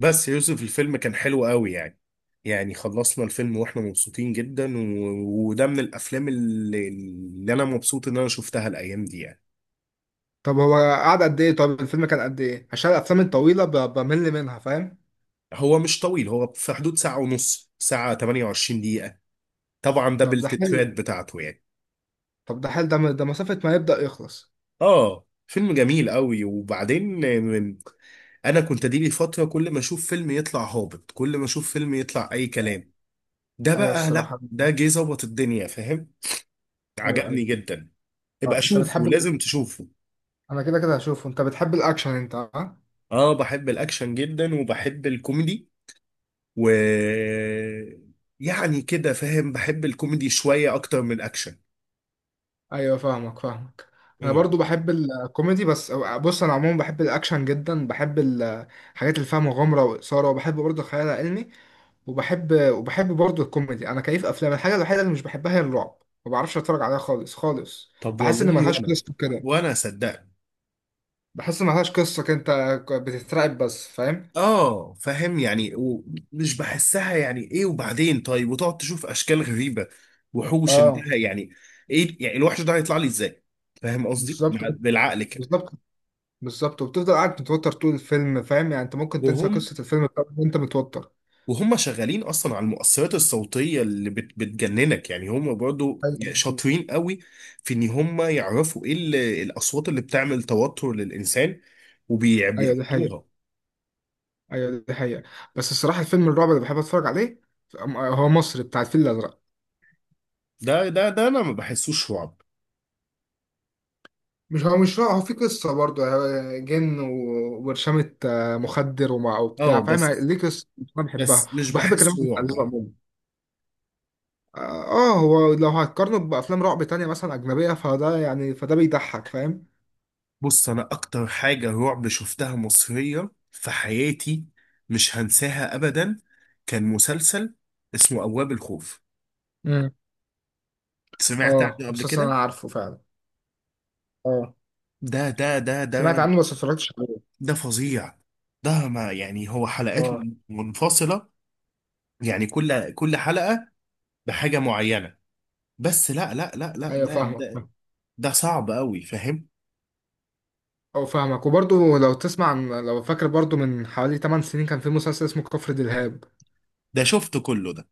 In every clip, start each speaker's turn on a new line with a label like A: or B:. A: بس يوسف الفيلم كان حلو قوي يعني خلصنا الفيلم واحنا مبسوطين جدا، و... وده من الافلام اللي انا مبسوط ان انا شفتها الايام دي يعني.
B: طب هو قعد قد ايه؟ طب الفيلم كان قد ايه؟ عشان الافلام الطويله بمل منها فاهم.
A: هو مش طويل، هو في حدود ساعة ونص، ساعة 28 دقيقة، طبعا ده
B: طب ده
A: بالتتوات
B: حلو.
A: بتاعته يعني.
B: طب ده حلو، ده ده مسافه ما يبدا يخلص.
A: اه، فيلم جميل قوي. وبعدين من- انا كنت دي لي فترة كل ما اشوف فيلم يطلع هابط، كل ما اشوف فيلم يطلع اي كلام، ده
B: ايوه
A: بقى لا،
B: الصراحه.
A: ده جه ظبط الدنيا، فاهم؟
B: ايوه
A: عجبني
B: ايوه.
A: جدا.
B: اه،
A: ابقى
B: انت
A: شوفه،
B: بتحب
A: لازم تشوفه.
B: انا كده كده هشوفه. انت بتحب الاكشن انت؟ اه.
A: اه، بحب الاكشن جدا، وبحب الكوميدي و يعني كده فاهم، بحب الكوميدي شوية اكتر من الاكشن.
B: ايوه فاهمك فاهمك. انا
A: امم.
B: برضو بحب الكوميدي بس. بص، انا عموما بحب الاكشن جدا، بحب الحاجات اللي فيها مغامره واثاره، وبحب برضو الخيال العلمي. وبحب برضه الكوميدي. انا كيف افلام. الحاجه الوحيده اللي مش بحبها هي الرعب، ما بعرفش اتفرج عليها خالص خالص.
A: طب
B: بحس ان
A: والله
B: ملهاش
A: وانا،
B: قصه كده.
A: وانا صدقني.
B: بحس ان ملهاش قصه كده، انت بتترعب بس فاهم.
A: اه فاهم يعني، ومش بحسها يعني ايه، وبعدين طيب وتقعد تشوف اشكال غريبة، وحوش،
B: اه.
A: انتهى يعني. ايه يعني الوحش ده هيطلع لي ازاي؟ فاهم قصدي؟
B: بالظبط.
A: بالعقل كده.
B: بالظبط. بالظبط، وبتفضل قاعد متوتر طول الفيلم. فاهم يعني؟ انت ممكن تنسى
A: وهم
B: قصه الفيلم بتاعك وانت متوتر.
A: وهم شغالين اصلا على المؤثرات الصوتيه اللي بتجننك يعني، هم برضو
B: ايوه دي حقيقة.
A: شاطرين قوي في ان هم يعرفوا ايه الاصوات اللي بتعمل توتر للانسان
B: ايوه دي حقيقه.
A: وبيحطوها.
B: ايوه دي حقيقه. بس الصراحه الفيلم الرعب اللي بحب اتفرج عليه هو مصري، بتاع الفيل الازرق.
A: ده انا ما بحسوش رعب.
B: مش هو، هو في قصة برضه. هو جن وبرشامة، مخدر ومع وبتاع،
A: اه
B: فاهم؟
A: بس،
B: ليه قصة. أنا بحبها،
A: بس مش
B: وبحب كريم
A: بحسه
B: عبد
A: رعب
B: العزيز
A: قوي.
B: عموما. آه. هو لو هتقارنه بأفلام رعب تانية مثلا أجنبية، فده يعني فده بيضحك فاهم.
A: بص، انا اكتر حاجه رعب شفتها مصريه في حياتي مش هنساها ابدا، كان مسلسل اسمه ابواب الخوف.
B: امم
A: سمعت عنه
B: آه،
A: قبل
B: مسلسل أنا
A: كده؟
B: عارفه فعلا. آه.
A: ده
B: سمعت عنه بس ما اتفرجتش عليه.
A: ده فظيع. ده ما يعني هو حلقات
B: آه.
A: منفصلة، يعني كل حلقة بحاجة معينة. بس لا لا لا لا،
B: أيوه
A: ده
B: فاهمك.
A: ده صعب قوي فاهم.
B: أه فاهمك. وبرضه لو تسمع عن، لو فاكر، برضه من حوالي 8 سنين كان في مسلسل اسمه كفر دلهاب،
A: ده شفته كله ده،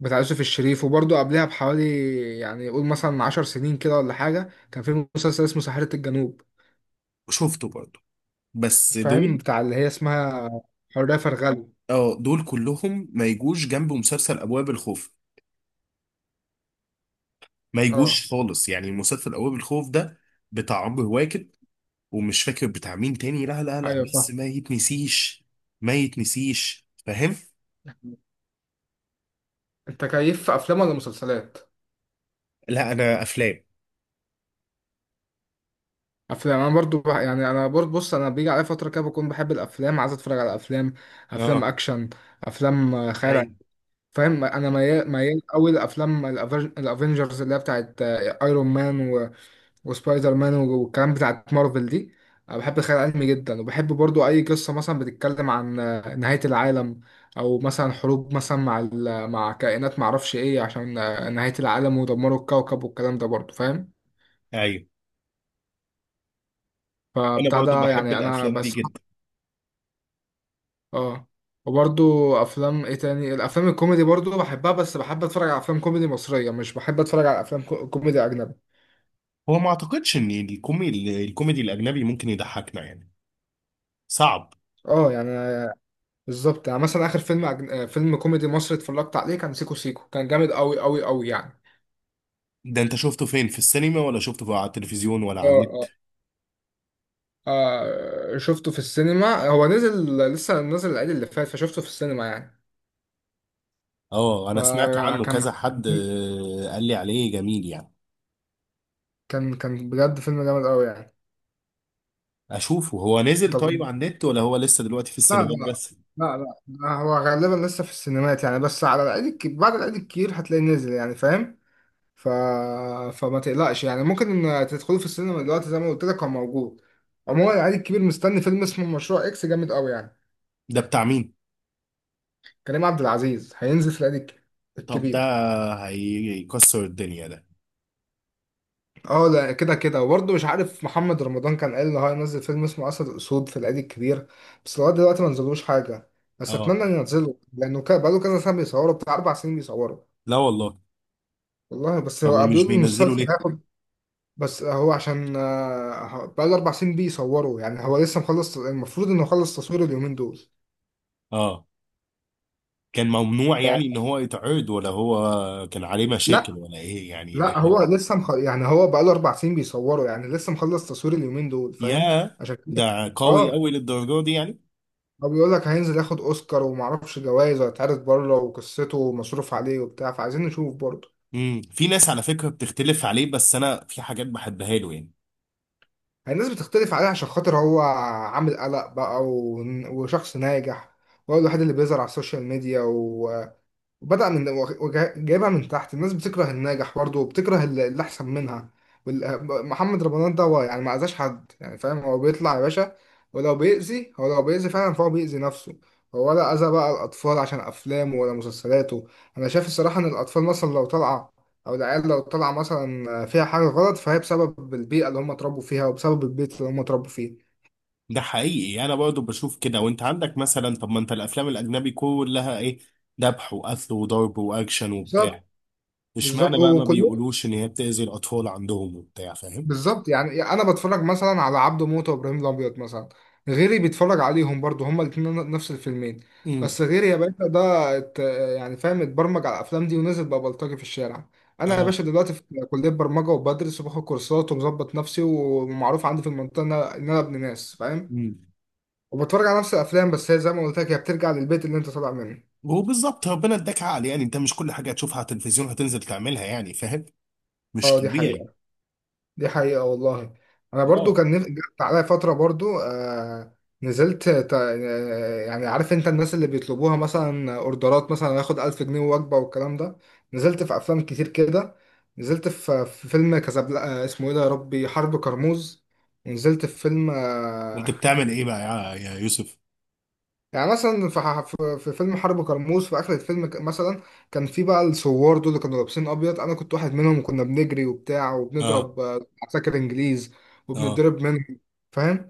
B: بتاع يوسف الشريف. وبرضه قبلها بحوالي، يعني قول مثلا 10 سنين كده ولا حاجة، كان في مسلسل اسمه ساحرة الجنوب،
A: وشفته برضه، بس
B: فاهم؟
A: دول،
B: بتاع اللي هي اسمها حورية فرغلي.
A: اه، دول كلهم ما يجوش جنب مسلسل أبواب الخوف، ما
B: اه.
A: يجوش خالص. يعني مسلسل أبواب الخوف ده بتاع عمرو واكد ومش فاكر بتاع مين تاني، لا لا لا،
B: ايوه
A: بس
B: صح.
A: ما يتنسيش، ما يتنسيش فاهم.
B: انت كيف في افلام ولا مسلسلات؟
A: لا، انا افلام.
B: افلام. انا برضو يعني انا برضو، بص، انا بيجي عليا فتره كده بكون بحب الافلام، عايز اتفرج على افلام. افلام
A: اه،
B: اكشن، افلام خيال علمي.
A: ايوه،
B: فاهم؟ انا ميال ميال قوي لافلام الافنجرز، اللي هي بتاعت ايرون مان وسبايدر مان والكلام، بتاعت مارفل دي. انا بحب الخيال العلمي جدا، وبحب برضو اي قصه مثلا بتتكلم عن نهايه العالم، او مثلا حروب مثلا مع مع كائنات معرفش ايه، عشان نهايه العالم ودمروا الكوكب والكلام ده برضو، فاهم؟
A: ايوه. انا
B: فبتاع
A: برضو
B: ده
A: بحب
B: يعني انا
A: الافلام دي
B: بس.
A: جدا.
B: اه. وبرضو افلام ايه تاني؟ الافلام الكوميدي برضو بحبها، بس بحب اتفرج على افلام كوميدي مصريه. مش بحب اتفرج على افلام كوميدي اجنبي.
A: هو ما اعتقدش ان الكوميدي الاجنبي ممكن يضحكنا يعني، صعب.
B: اه يعني. بالظبط. يعني مثلا اخر فيلم أجن... آه، فيلم كوميدي مصري اتفرجت عليه كان سيكو سيكو، كان جامد قوي قوي قوي يعني.
A: ده انت شفته فين، في السينما ولا شفته على التلفزيون ولا
B: اه
A: على النت؟
B: اه. شفته في السينما. هو نزل، لسه نزل العيد اللي فات، فشفته في السينما يعني.
A: اه، انا سمعت عنه
B: فكان،
A: كذا حد قال لي عليه جميل يعني.
B: كان كان بجد فيلم جامد قوي يعني.
A: اشوفه، هو نزل
B: طب
A: طيب على النت ولا هو لسه دلوقتي في
B: لا لا.
A: السينمات بس؟
B: لا لا لا، هو غالبا لسه في السينمات يعني، بس على العيد الكبير، بعد العيد الكبير هتلاقيه نزل يعني، فاهم؟ ف... فما تقلقش يعني، ممكن إن تدخلوا في السينما دلوقتي، زي ما قلت لك هو موجود. عموما العيد الكبير مستني فيلم اسمه مشروع اكس، جامد قوي يعني.
A: ده بتاع مين؟
B: كريم عبد العزيز هينزل في
A: طب ده
B: الكبير.
A: هيكسر الدنيا ده.
B: اه. لا كده كده. وبرضه مش عارف، محمد رمضان كان قال ان هو هينزل فيلم اسمه اسد اسود في العيد الكبير، بس لغايه دلوقتي ما نزلوش حاجه. بس
A: اه
B: اتمنى ان ينزلوا، لانه بقاله كذا سنه بيصوروا، بتاع اربع سنين بيصوروا.
A: لا والله.
B: والله بس
A: طب
B: هو
A: ومش
B: بيقولوا المسلسل
A: بينزله ليه؟
B: هياخد. بس هو عشان بقاله أربع سنين بيصوروا، يعني هو لسه مخلص. المفروض إنه خلص تصوير اليومين دول.
A: اه، كان ممنوع
B: فلا
A: يعني ان هو يتعرض، ولا هو كان عليه مشاكل،
B: لا
A: ولا ايه يعني؟
B: لا، هو يعني هو بقاله أربع سنين بيصوروا، يعني لسه مخلص تصوير اليومين دول، فاهم
A: يا
B: عشان كده.
A: ده قوي
B: اه،
A: قوي للدرجة دي يعني؟
B: هو بيقول لك هينزل ياخد أوسكار ومعرفش جوائز، وهيتعرض بره، وقصته مصروف عليه وبتاع، فعايزين نشوف برضه.
A: امم. في ناس على فكرة بتختلف عليه، بس انا في حاجات بحبها له يعني.
B: يعني الناس بتختلف عليه عشان خاطر هو عامل قلق بقى وشخص ناجح، وهو الوحيد اللي بيظهر على السوشيال ميديا. بدأ من جايبها من تحت. الناس بتكره الناجح برضه، وبتكره اللي أحسن منها. محمد رمضان ده هو يعني ما أذاش حد يعني، فاهم؟ هو بيطلع يا باشا. ولو بيأذي، هو لو بيأذي فعلا فهو بيأذي نفسه. هو ولا أذى بقى الأطفال عشان أفلامه ولا مسلسلاته. أنا شايف الصراحة إن الأطفال مثلا لو طالعة، أو العيال لو طالعة مثلا فيها حاجة غلط، فهي بسبب البيئة اللي هم اتربوا فيها وبسبب البيت اللي هم اتربوا فيه.
A: ده حقيقي يعني، انا برضو بشوف كده. وانت عندك مثلا، طب ما انت الافلام الاجنبي كلها ايه، ذبح وقتل وضرب واكشن
B: بسبب،
A: وبتاع،
B: بالظبط
A: اشمعنى بقى ما
B: وكل،
A: بيقولوش ان هي بتأذي الاطفال عندهم وبتاع، فاهم؟
B: بالظبط. يعني انا بتفرج مثلا على عبده موته وابراهيم الابيض مثلا، غيري بيتفرج عليهم برضو، هما الاثنين نفس الفيلمين،
A: امم.
B: بس غيري يا باشا ده ات- يعني فاهم اتبرمج على الافلام دي ونزل بقى بلطجي في الشارع. انا يا
A: اه.
B: باشا دلوقتي في كليه برمجه، وبدرس، وباخد كورسات، ومظبط نفسي، ومعروف عندي في المنطقه ان انا، إن أنا ابن ناس، فاهم؟
A: امم.
B: وبتفرج على نفس الافلام، بس هي زي ما قلت لك، هي بترجع للبيت اللي انت طالع منه.
A: وبالظبط، ربنا اداك عقل يعني، انت مش كل حاجة هتشوفها على التلفزيون هتنزل تعملها يعني فاهم، مش
B: اه دي
A: طبيعي.
B: حقيقه. دي حقيقة والله. أنا برضو
A: اه.
B: كان جت عليا فترة برضو، آه، نزلت يعني عارف أنت الناس اللي بيطلبوها مثلا أوردرات، مثلا ياخد ألف جنيه وجبة والكلام ده. نزلت في أفلام كتير كده. نزلت في فيلم كازابلا آه، اسمه إيه ده يا ربي، حرب كرموز. ونزلت في فيلم
A: وانت بتعمل ايه بقى يا يوسف؟
B: يعني مثلا في في فيلم حرب كرموز، في اخر الفيلم مثلا كان في بقى الثوار دول اللي كانوا لابسين ابيض، انا كنت واحد منهم، وكنا بنجري وبتاع
A: اه،
B: وبنضرب عساكر انجليز،
A: اه.
B: وبنضرب منهم، فاهم؟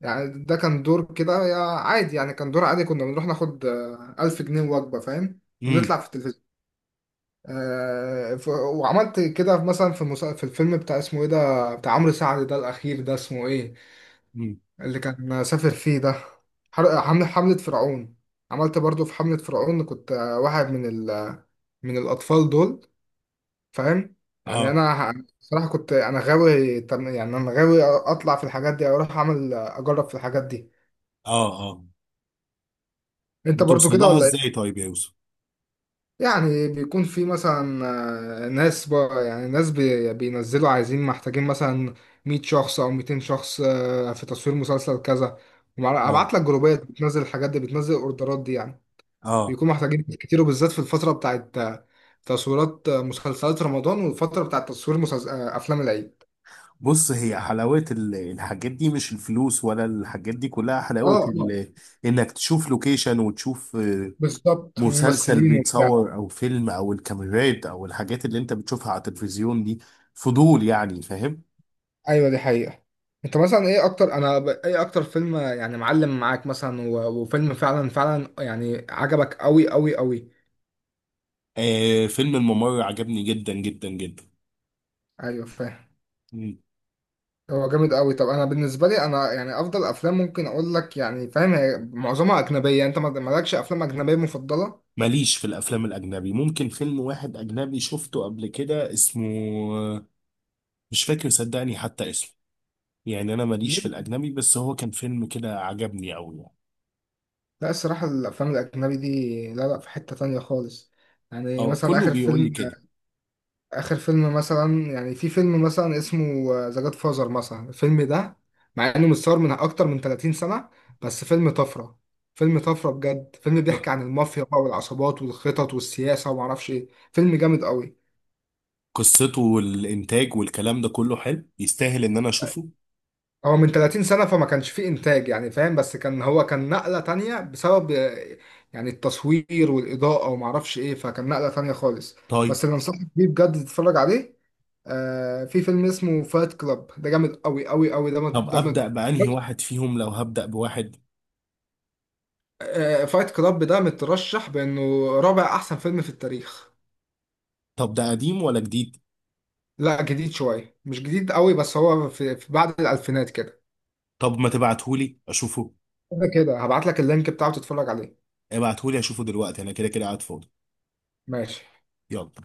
B: يعني ده كان دور كده يا عادي، يعني كان دور عادي. كنا بنروح ناخد 1000 جنيه وجبة، فاهم؟
A: امم،
B: ونطلع في التلفزيون. وعملت كده مثلا في في الفيلم بتاع اسمه ايه ده، بتاع عمرو سعد ده الاخير ده اسمه ايه،
A: امم.
B: اللي كان سافر فيه ده، حملة فرعون. عملت برضو في حملة فرعون، كنت واحد من ال من الأطفال دول، فاهم؟ يعني
A: اه،
B: أنا صراحة كنت أنا يعني أنا غاوي أطلع في الحاجات دي، أو أروح أعمل أجرب في الحاجات دي.
A: اه، اه.
B: أنت برضو
A: بتوصل
B: كده
A: لها
B: ولا إيه؟
A: ازاي طيب يا يوسف؟
B: يعني بيكون في مثلا ناس يعني ناس بينزلوا عايزين، محتاجين مثلا 100 شخص أو 200 شخص في تصوير مسلسل كذا،
A: اه،
B: وابعت لك جروبات بتنزل الحاجات دي، بتنزل الاوردرات دي يعني.
A: اه.
B: بيكونوا محتاجين ناس كتير، وبالذات في الفترة بتاعت تصويرات مسلسلات رمضان، والفترة بتاعت تصوير مسلسل... آه، أفلام العيد.
A: بص، هي حلاوة الحاجات دي مش الفلوس، ولا الحاجات دي كلها، حلاوة
B: اه اه.
A: انك تشوف لوكيشن، وتشوف
B: بالظبط، هم
A: مسلسل
B: ممثلين وبتاع.
A: بيتصور او فيلم، او الكاميرات، او الحاجات اللي انت بتشوفها على التلفزيون دي، فضول يعني فاهم.
B: أيوة دي حقيقة. أنت مثلا إيه أكتر، أنا إيه أكتر فيلم يعني معلم معاك مثلا، وفيلم فعلا فعلا يعني عجبك أوي أوي أوي؟
A: فيلم الممر عجبني جدا جدا جدا.
B: أيوة فاهم.
A: مم.
B: هو جامد أوي. طب أنا بالنسبة لي أنا يعني أفضل أفلام ممكن أقول لك، يعني فاهم هي معظمها أجنبية. أنت مالكش أفلام أجنبية مفضلة؟
A: ماليش في الافلام الاجنبي. ممكن فيلم واحد اجنبي شفته قبل كده، اسمه مش فاكر صدقني حتى اسمه، يعني انا ماليش في الاجنبي، بس هو كان فيلم كده عجبني قوي يعني.
B: لا الصراحة الأفلام الأجنبي دي لا لا، في حتة تانية خالص. يعني
A: اه،
B: مثلا
A: كله
B: آخر
A: بيقول لي
B: فيلم،
A: كده.
B: آخر فيلم مثلا، يعني في فيلم مثلا اسمه ذا جاد فازر مثلا، الفيلم ده مع إنه متصور من أكتر من 30 سنة، بس فيلم طفرة. فيلم طفرة بجد، فيلم
A: لا،
B: بيحكي عن المافيا بقى، والعصابات والخطط والسياسة ومعرفش إيه، فيلم جامد قوي.
A: قصته والانتاج والكلام ده كله حلو، يستاهل ان انا اشوفه.
B: هو من 30 سنة فما كانش فيه إنتاج يعني، فاهم؟ بس كان، هو كان نقلة تانية بسبب يعني التصوير والإضاءة وما أعرفش إيه، فكان نقلة تانية خالص.
A: طيب.
B: بس اللي أنصحك بيه بجد تتفرج عليه، آه، في فيلم اسمه فايت كلاب، ده جامد أوي أوي أوي. ده مت-
A: طب
B: ده مت-
A: ابدا بانهي واحد فيهم لو هبدا بواحد؟
B: آه فايت كلاب ده مترشح بإنه رابع أحسن فيلم في التاريخ.
A: طب ده قديم ولا جديد؟
B: لا جديد شوية، مش جديد أوي، بس هو في، في بعد الألفينات كده.
A: طب ما تبعتهولي اشوفه.
B: كده كده هبعت لك اللينك بتاعه تتفرج عليه.
A: ابعتهولي اشوفه دلوقتي، انا كده كده قاعد فاضي.
B: ماشي.
A: يلا.